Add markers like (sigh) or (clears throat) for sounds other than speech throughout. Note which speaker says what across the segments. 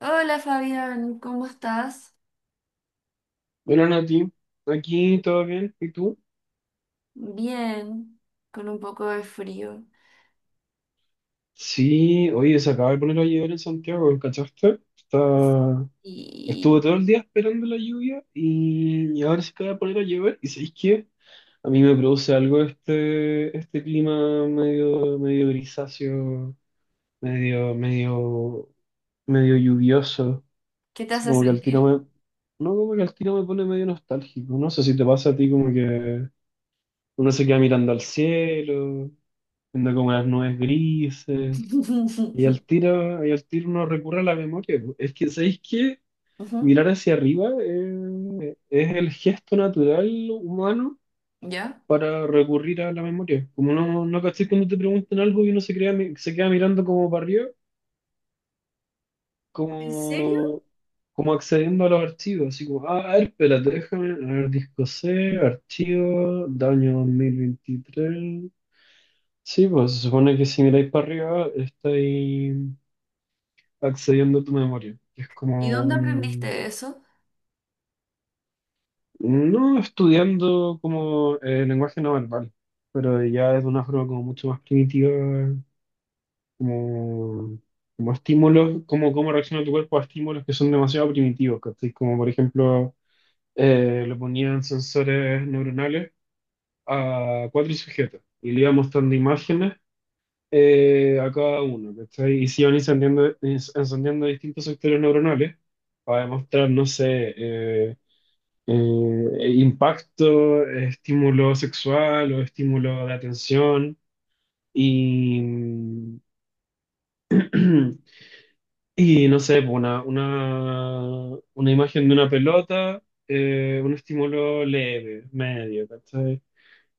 Speaker 1: Hola Fabián, ¿cómo estás?
Speaker 2: Bueno, Nati, aquí todo bien, ¿y tú?
Speaker 1: Bien, con un poco de frío.
Speaker 2: Sí, oye, se acaba de poner a llover en Santiago, ¿cachaste? Estuve
Speaker 1: ¿Y
Speaker 2: todo el día esperando la lluvia y ahora se acaba de poner a llover. ¿Y sabéis qué? A mí me produce algo este clima medio grisáceo, medio, medio, medio lluvioso.
Speaker 1: qué te
Speaker 2: Así
Speaker 1: hace
Speaker 2: como que al tiro
Speaker 1: sentir?
Speaker 2: me... No, como que al tiro me pone medio nostálgico. No sé si te pasa a ti como que uno se queda mirando al cielo, viendo como las nubes grises. Y
Speaker 1: (laughs)
Speaker 2: al tiro, y al tiro uno recurre a la memoria, po. Es que, ¿sabéis qué?
Speaker 1: Ujú.
Speaker 2: Mirar hacia arriba es el gesto natural humano
Speaker 1: ¿Ya?
Speaker 2: para recurrir a la memoria. Como no caché cuando te preguntan algo y uno se crea, se queda mirando como para arriba,
Speaker 1: ¿En serio?
Speaker 2: como, como accediendo a los archivos. Así como, ah, a ver, espérate, déjame, a ver, disco C, archivo, daño 2023. Sí, pues se supone que si miráis para arriba, estáis accediendo a tu memoria, que es
Speaker 1: ¿Y
Speaker 2: como
Speaker 1: dónde
Speaker 2: un,
Speaker 1: aprendiste eso?
Speaker 2: no estudiando como el lenguaje no verbal, pero ya es de una forma como mucho más primitiva, como, como, estímulos, como cómo reacciona tu cuerpo a estímulos que son demasiado primitivos, ¿cachai? Como por ejemplo, le ponían sensores neuronales a cuatro sujetos y le iban mostrando imágenes. A cada uno, ¿cachai? Y se iban encendiendo, distintos sectores neuronales para demostrar, no sé, impacto, estímulo sexual o estímulo de atención y, (clears throat) y no sé, pues una imagen de una pelota, un estímulo leve, medio, ¿cachai?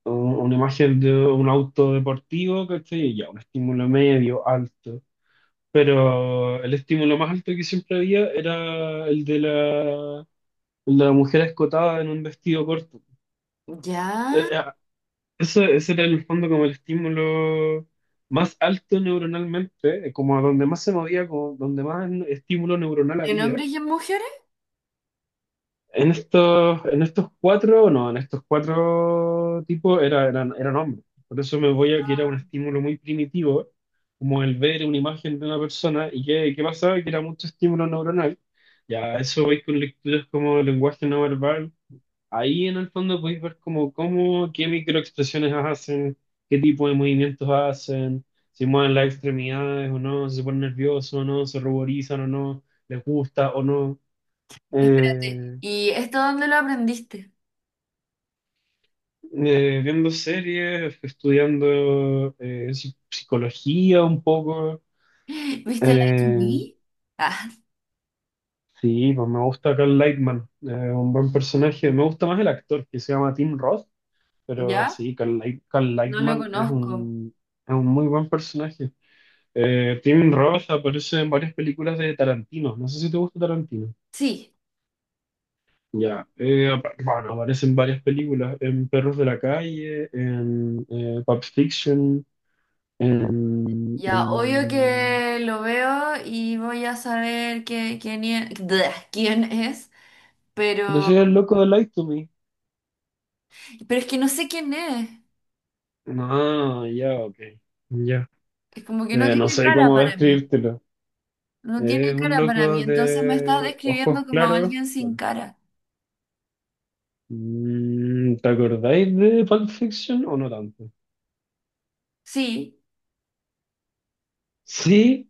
Speaker 2: O una imagen de un auto deportivo, ¿cachai? Ya, un estímulo medio, alto. Pero el estímulo más alto que siempre había era el de la mujer escotada en un vestido corto.
Speaker 1: ¿Ya?
Speaker 2: Eh, Eso, ese era en el fondo como el estímulo más alto neuronalmente, como a donde más se movía, como donde más estímulo neuronal
Speaker 1: ¿En
Speaker 2: había.
Speaker 1: hombres y en mujeres?
Speaker 2: En estos cuatro, no, en estos cuatro tipos eran hombres. Por eso me voy a que era un
Speaker 1: Ah.
Speaker 2: estímulo muy primitivo, como el ver una imagen de una persona. ¿Y qué pasaba? Que era mucho estímulo neuronal. Ya, a eso voy con lecturas como lenguaje no verbal. Ahí en el fondo podéis ver como cómo, qué microexpresiones hacen, qué tipo de movimientos hacen, si mueven las extremidades o no, si se ponen nerviosos o no, se ruborizan o no, les gusta o no.
Speaker 1: Espérate,
Speaker 2: Eh,
Speaker 1: ¿y esto dónde lo aprendiste?
Speaker 2: Viendo series, estudiando psicología un poco.
Speaker 1: (gasps) ¿Viste la to
Speaker 2: Eh,
Speaker 1: me? Ah,
Speaker 2: sí, pues me gusta Carl Lightman, un buen personaje. Me gusta más el actor que se llama Tim Roth, pero
Speaker 1: ¿ya?
Speaker 2: sí, Carl
Speaker 1: No lo
Speaker 2: Lightman es
Speaker 1: conozco.
Speaker 2: un muy buen personaje. Tim Roth aparece en varias películas de Tarantino. No sé si te gusta Tarantino.
Speaker 1: Sí,
Speaker 2: Ya. Bueno, aparece en varias películas. En Perros de la Calle, en Pulp Fiction. en,
Speaker 1: ya, obvio
Speaker 2: en...
Speaker 1: que lo veo y voy a saber quién es, (laughs) (smacks lips) quién es.
Speaker 2: Pero soy
Speaker 1: Pero,
Speaker 2: el loco de Light to Me.
Speaker 1: pero es que no sé quién es.
Speaker 2: Ah, ya, ok. Ya.
Speaker 1: Es como que no
Speaker 2: No
Speaker 1: tiene
Speaker 2: sé
Speaker 1: cara
Speaker 2: cómo
Speaker 1: para mí.
Speaker 2: describírtelo.
Speaker 1: No tiene
Speaker 2: Es un
Speaker 1: cara para mí.
Speaker 2: loco
Speaker 1: Entonces me estás
Speaker 2: de ojos
Speaker 1: describiendo como
Speaker 2: claros.
Speaker 1: alguien sin
Speaker 2: Claro.
Speaker 1: cara.
Speaker 2: Mm, ¿te acordáis de Pulp Fiction o no tanto?
Speaker 1: Sí,
Speaker 2: Sí,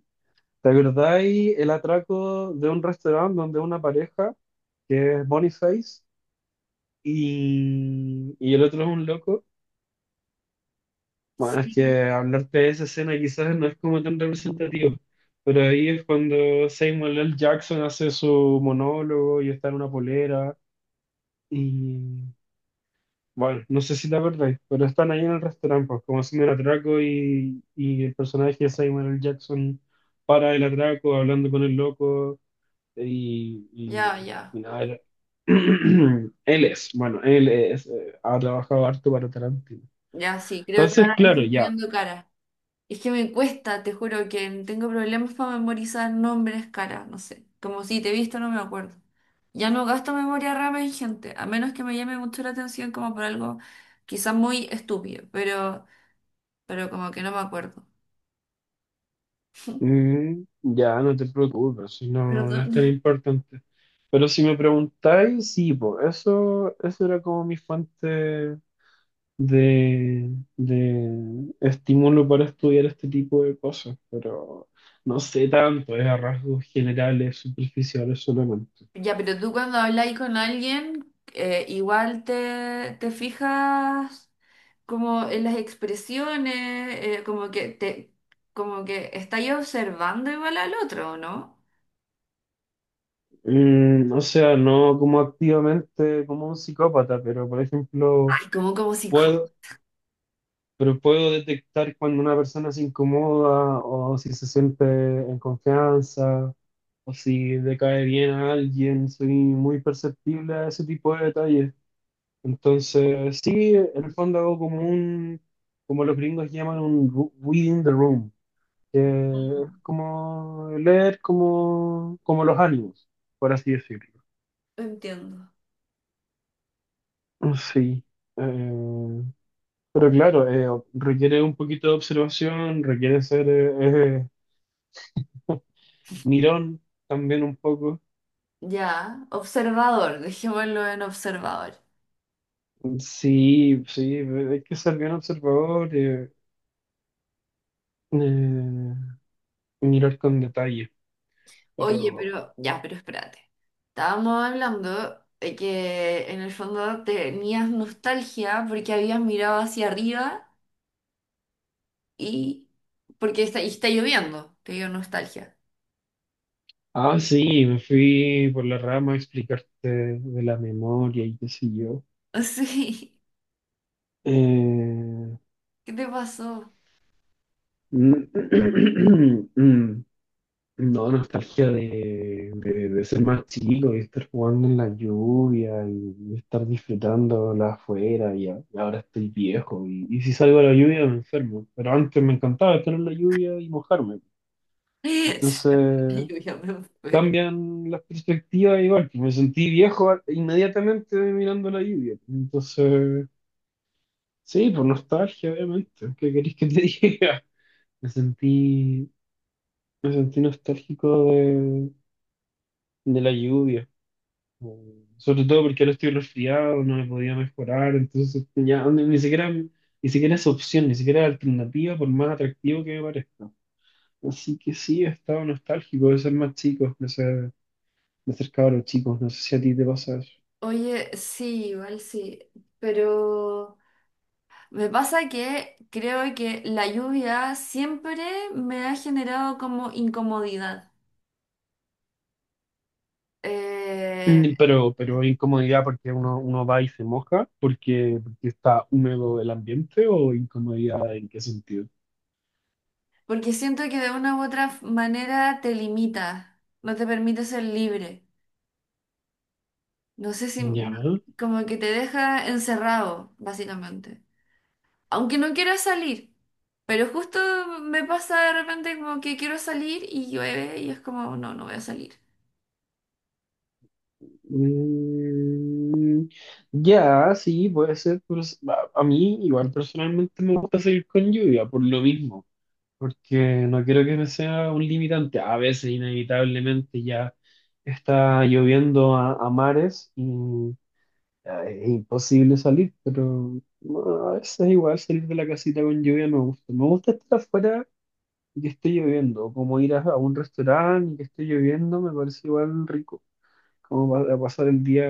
Speaker 2: ¿te acordáis el atraco de un restaurante donde una pareja, que es Boniface, y el otro es un loco? Bueno, es
Speaker 1: sí.
Speaker 2: que hablarte de esa escena quizás no es como tan representativo, pero ahí es cuando Samuel L. Jackson hace su monólogo y está en una polera, y bueno, no sé si te acordáis, pero están ahí en el restaurante, pues, como haciendo el atraco y el personaje de Samuel L. Jackson para el atraco, hablando con el loco. y, y-
Speaker 1: Ya,
Speaker 2: y
Speaker 1: ya.
Speaker 2: nada, (clears throat) él es, bueno, ha trabajado harto para Tarantino.
Speaker 1: Ya, sí, creo que
Speaker 2: Entonces,
Speaker 1: ahora le
Speaker 2: claro,
Speaker 1: estoy
Speaker 2: ya,
Speaker 1: poniendo cara. Es que me cuesta, te juro que tengo problemas para memorizar nombres, cara. No sé. Como si te he visto, no me acuerdo. Ya no gasto memoria RAM en gente, a menos que me llame mucho la atención como por algo quizás muy estúpido, pero como que no me acuerdo.
Speaker 2: ya no te preocupes, si no, no es tan
Speaker 1: Perdón.
Speaker 2: importante. Pero si me preguntáis, sí, po, eso era como mi fuente de, de estímulo para estudiar este tipo de cosas, pero no sé tanto, es a rasgos generales, superficiales solamente.
Speaker 1: Ya, pero tú cuando habláis con alguien, igual te fijas como en las expresiones, como como que estáis observando igual al otro, ¿no?
Speaker 2: Mm, o sea, no como activamente como un psicópata, pero por ejemplo,
Speaker 1: Ay, como como psicólogo.
Speaker 2: puedo, pero puedo detectar cuando una persona se incomoda o si se siente en confianza o si le cae bien a alguien. Soy muy perceptible a ese tipo de detalles. Entonces, sí, en el fondo hago como como los gringos llaman un reading the room, que es
Speaker 1: Mm,
Speaker 2: como leer como, como los ánimos, por así decirlo.
Speaker 1: Entiendo.
Speaker 2: Sí, eh, pero claro, requiere un poquito de observación, requiere ser mirón también un poco.
Speaker 1: Ya, observador, dejémoslo en observador.
Speaker 2: Sí, sí, hay que ser bien observador, eh, mirar con detalle.
Speaker 1: Oye,
Speaker 2: Pero,
Speaker 1: pero ya, pero espérate. Estábamos hablando de que en el fondo tenías nostalgia porque habías mirado hacia arriba y porque y está lloviendo, te dio nostalgia.
Speaker 2: ah, sí, me fui por la rama a explicarte de la memoria y qué sé yo.
Speaker 1: (laughs) Sí,
Speaker 2: Eh,
Speaker 1: ¿qué te pasó?
Speaker 2: (clears throat) No, nostalgia de ser más chico y estar jugando en la lluvia y estar disfrutándola afuera y ahora estoy viejo y si salgo a la lluvia me enfermo. Pero antes me encantaba estar en la lluvia y mojarme.
Speaker 1: (laughs)
Speaker 2: Entonces
Speaker 1: Sí, yo ya me muero.
Speaker 2: cambian las perspectivas igual, que me sentí viejo inmediatamente mirando la lluvia. Entonces, sí, por nostalgia, obviamente. ¿Qué querés que te (laughs) diga? Me sentí, me sentí nostálgico de la lluvia. Mm. Sobre todo porque ahora estoy resfriado, no me podía mejorar, entonces ya ni siquiera, ni siquiera es opción, ni siquiera es alternativa, por más atractivo que me parezca. Así que sí, he estado nostálgico de ser más chico, de ser cabros chicos, no sé si a ti te pasa eso.
Speaker 1: Oye, sí, igual sí, pero me pasa que creo que la lluvia siempre me ha generado como incomodidad, Eh,
Speaker 2: Mm, pero hay incomodidad porque uno va y se moja, porque está húmedo el ambiente o incomodidad en qué sentido.
Speaker 1: porque siento que de una u otra manera te limita, no te permite ser libre, no sé si,
Speaker 2: Ya.
Speaker 1: como que te deja encerrado, básicamente, aunque no quiera salir. Pero justo me pasa de repente como que quiero salir y llueve y es como, no, no voy a salir.
Speaker 2: Mm, ya, sí, puede ser, pues. A mí igual personalmente me gusta seguir con lluvia por lo mismo, porque no quiero que me sea un limitante. A veces inevitablemente ya está lloviendo a mares y ya, es imposible salir, pero bueno, a veces igual salir de la casita con lluvia me gusta. Me gusta estar afuera y que esté lloviendo, como ir a un restaurante y que esté lloviendo, me parece igual rico, como a pasar el día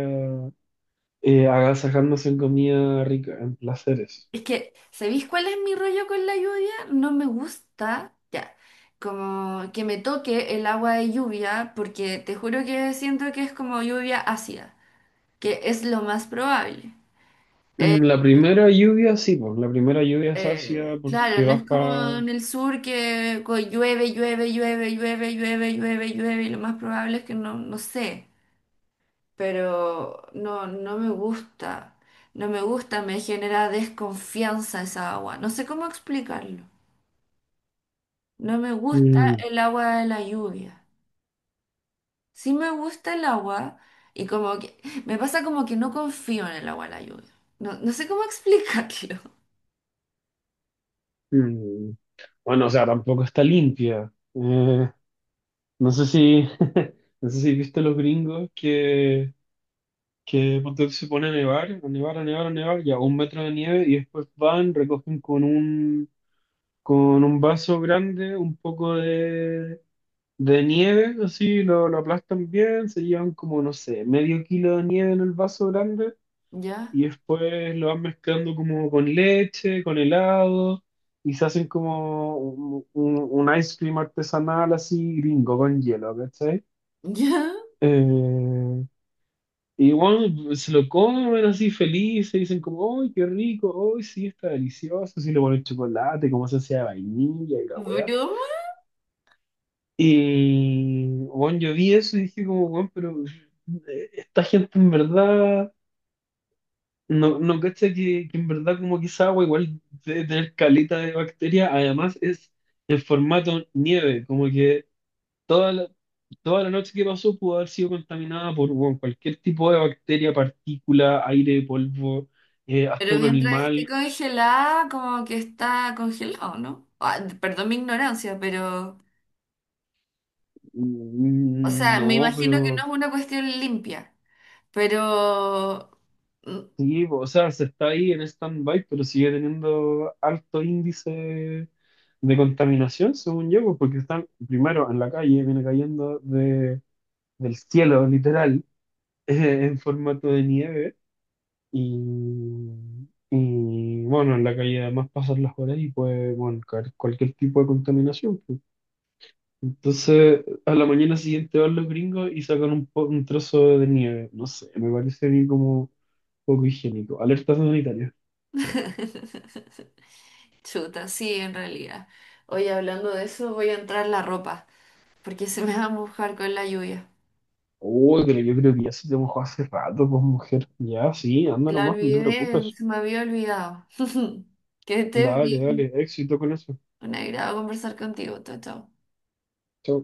Speaker 2: agasajándose en comida rica, en placeres.
Speaker 1: Es que, ¿sabéis cuál es mi rollo con la lluvia? No me gusta, ya, como que me toque el agua de lluvia porque te juro que siento que es como lluvia ácida, que es lo más probable. Eh,
Speaker 2: Mm, la primera lluvia, sí, pues, la primera lluvia es ácida porque
Speaker 1: Claro, no es como
Speaker 2: baja...
Speaker 1: en el sur que llueve, llueve, llueve, llueve, llueve, llueve, llueve, y lo más probable es que no, no sé, pero no, no me gusta, no me gusta, me genera desconfianza esa agua, no sé cómo explicarlo, no me gusta
Speaker 2: mm,
Speaker 1: el agua de la lluvia, sí me gusta el agua, y como que me pasa como que no confío en el agua de la lluvia, no, no sé cómo explicarlo.
Speaker 2: mm. Bueno, o sea, tampoco está limpia. No sé si, (laughs) no sé si viste los gringos que ponte tú, se pone a nevar, a nevar, a nevar, a nevar, ya un metro de nieve y después van, recogen con un vaso grande un poco de nieve, así lo aplastan bien, se llevan como, no sé, medio kilo de nieve en el vaso grande
Speaker 1: (laughs) ¿Ya?
Speaker 2: y después lo van mezclando como con leche, con helado y se hacen como un, un ice cream artesanal así gringo con hielo, ¿cachai?
Speaker 1: ¿Ya?
Speaker 2: Eh, y bueno, se lo comen así felices, dicen como, ¡ay, qué rico! ¡Ay, sí, está delicioso! Sí, le ponen chocolate, como se hacía de vainilla y la weá.
Speaker 1: ¿Broma?
Speaker 2: Y, bueno, yo vi eso y dije como, bueno, pero esta gente en verdad, no cacha que en verdad como que esa agua igual debe tener caleta de bacterias, además es en formato nieve, como que toda la, toda la noche que pasó pudo haber sido contaminada por, bueno, cualquier tipo de bacteria, partícula, aire, polvo, hasta
Speaker 1: Pero
Speaker 2: un
Speaker 1: mientras esté
Speaker 2: animal.
Speaker 1: congelada, como que está congelado, ¿no? Ah, perdón mi ignorancia, pero, o
Speaker 2: Mm,
Speaker 1: sea, me
Speaker 2: no,
Speaker 1: imagino que no
Speaker 2: pero
Speaker 1: es una cuestión limpia, pero...
Speaker 2: sí, po, o sea, se está ahí en stand-by, pero sigue teniendo alto índice de contaminación, según yo, pues, porque están primero en la calle, viene cayendo del cielo, literal, (laughs) en formato de nieve. Y, y, bueno, en la calle además pasan las horas y puede, bueno, caer cualquier tipo de contaminación, pues. Entonces, a la mañana siguiente van los gringos y sacan un trozo de nieve. No sé, me parece a mí como poco higiénico. Alerta sanitaria.
Speaker 1: (laughs) Chuta, sí, en realidad. Oye, hablando de eso, voy a entrar la ropa, porque se me va a mojar con la lluvia.
Speaker 2: Uy, pero yo creo que ya se te mojó hace rato, pues mujer. Ya, sí, anda
Speaker 1: La
Speaker 2: nomás, no te
Speaker 1: olvidé,
Speaker 2: preocupes.
Speaker 1: se me había olvidado. (laughs) Que estés
Speaker 2: Dale,
Speaker 1: bien.
Speaker 2: dale, éxito con eso.
Speaker 1: Un agrado conversar contigo. Chao, chao.
Speaker 2: Chao.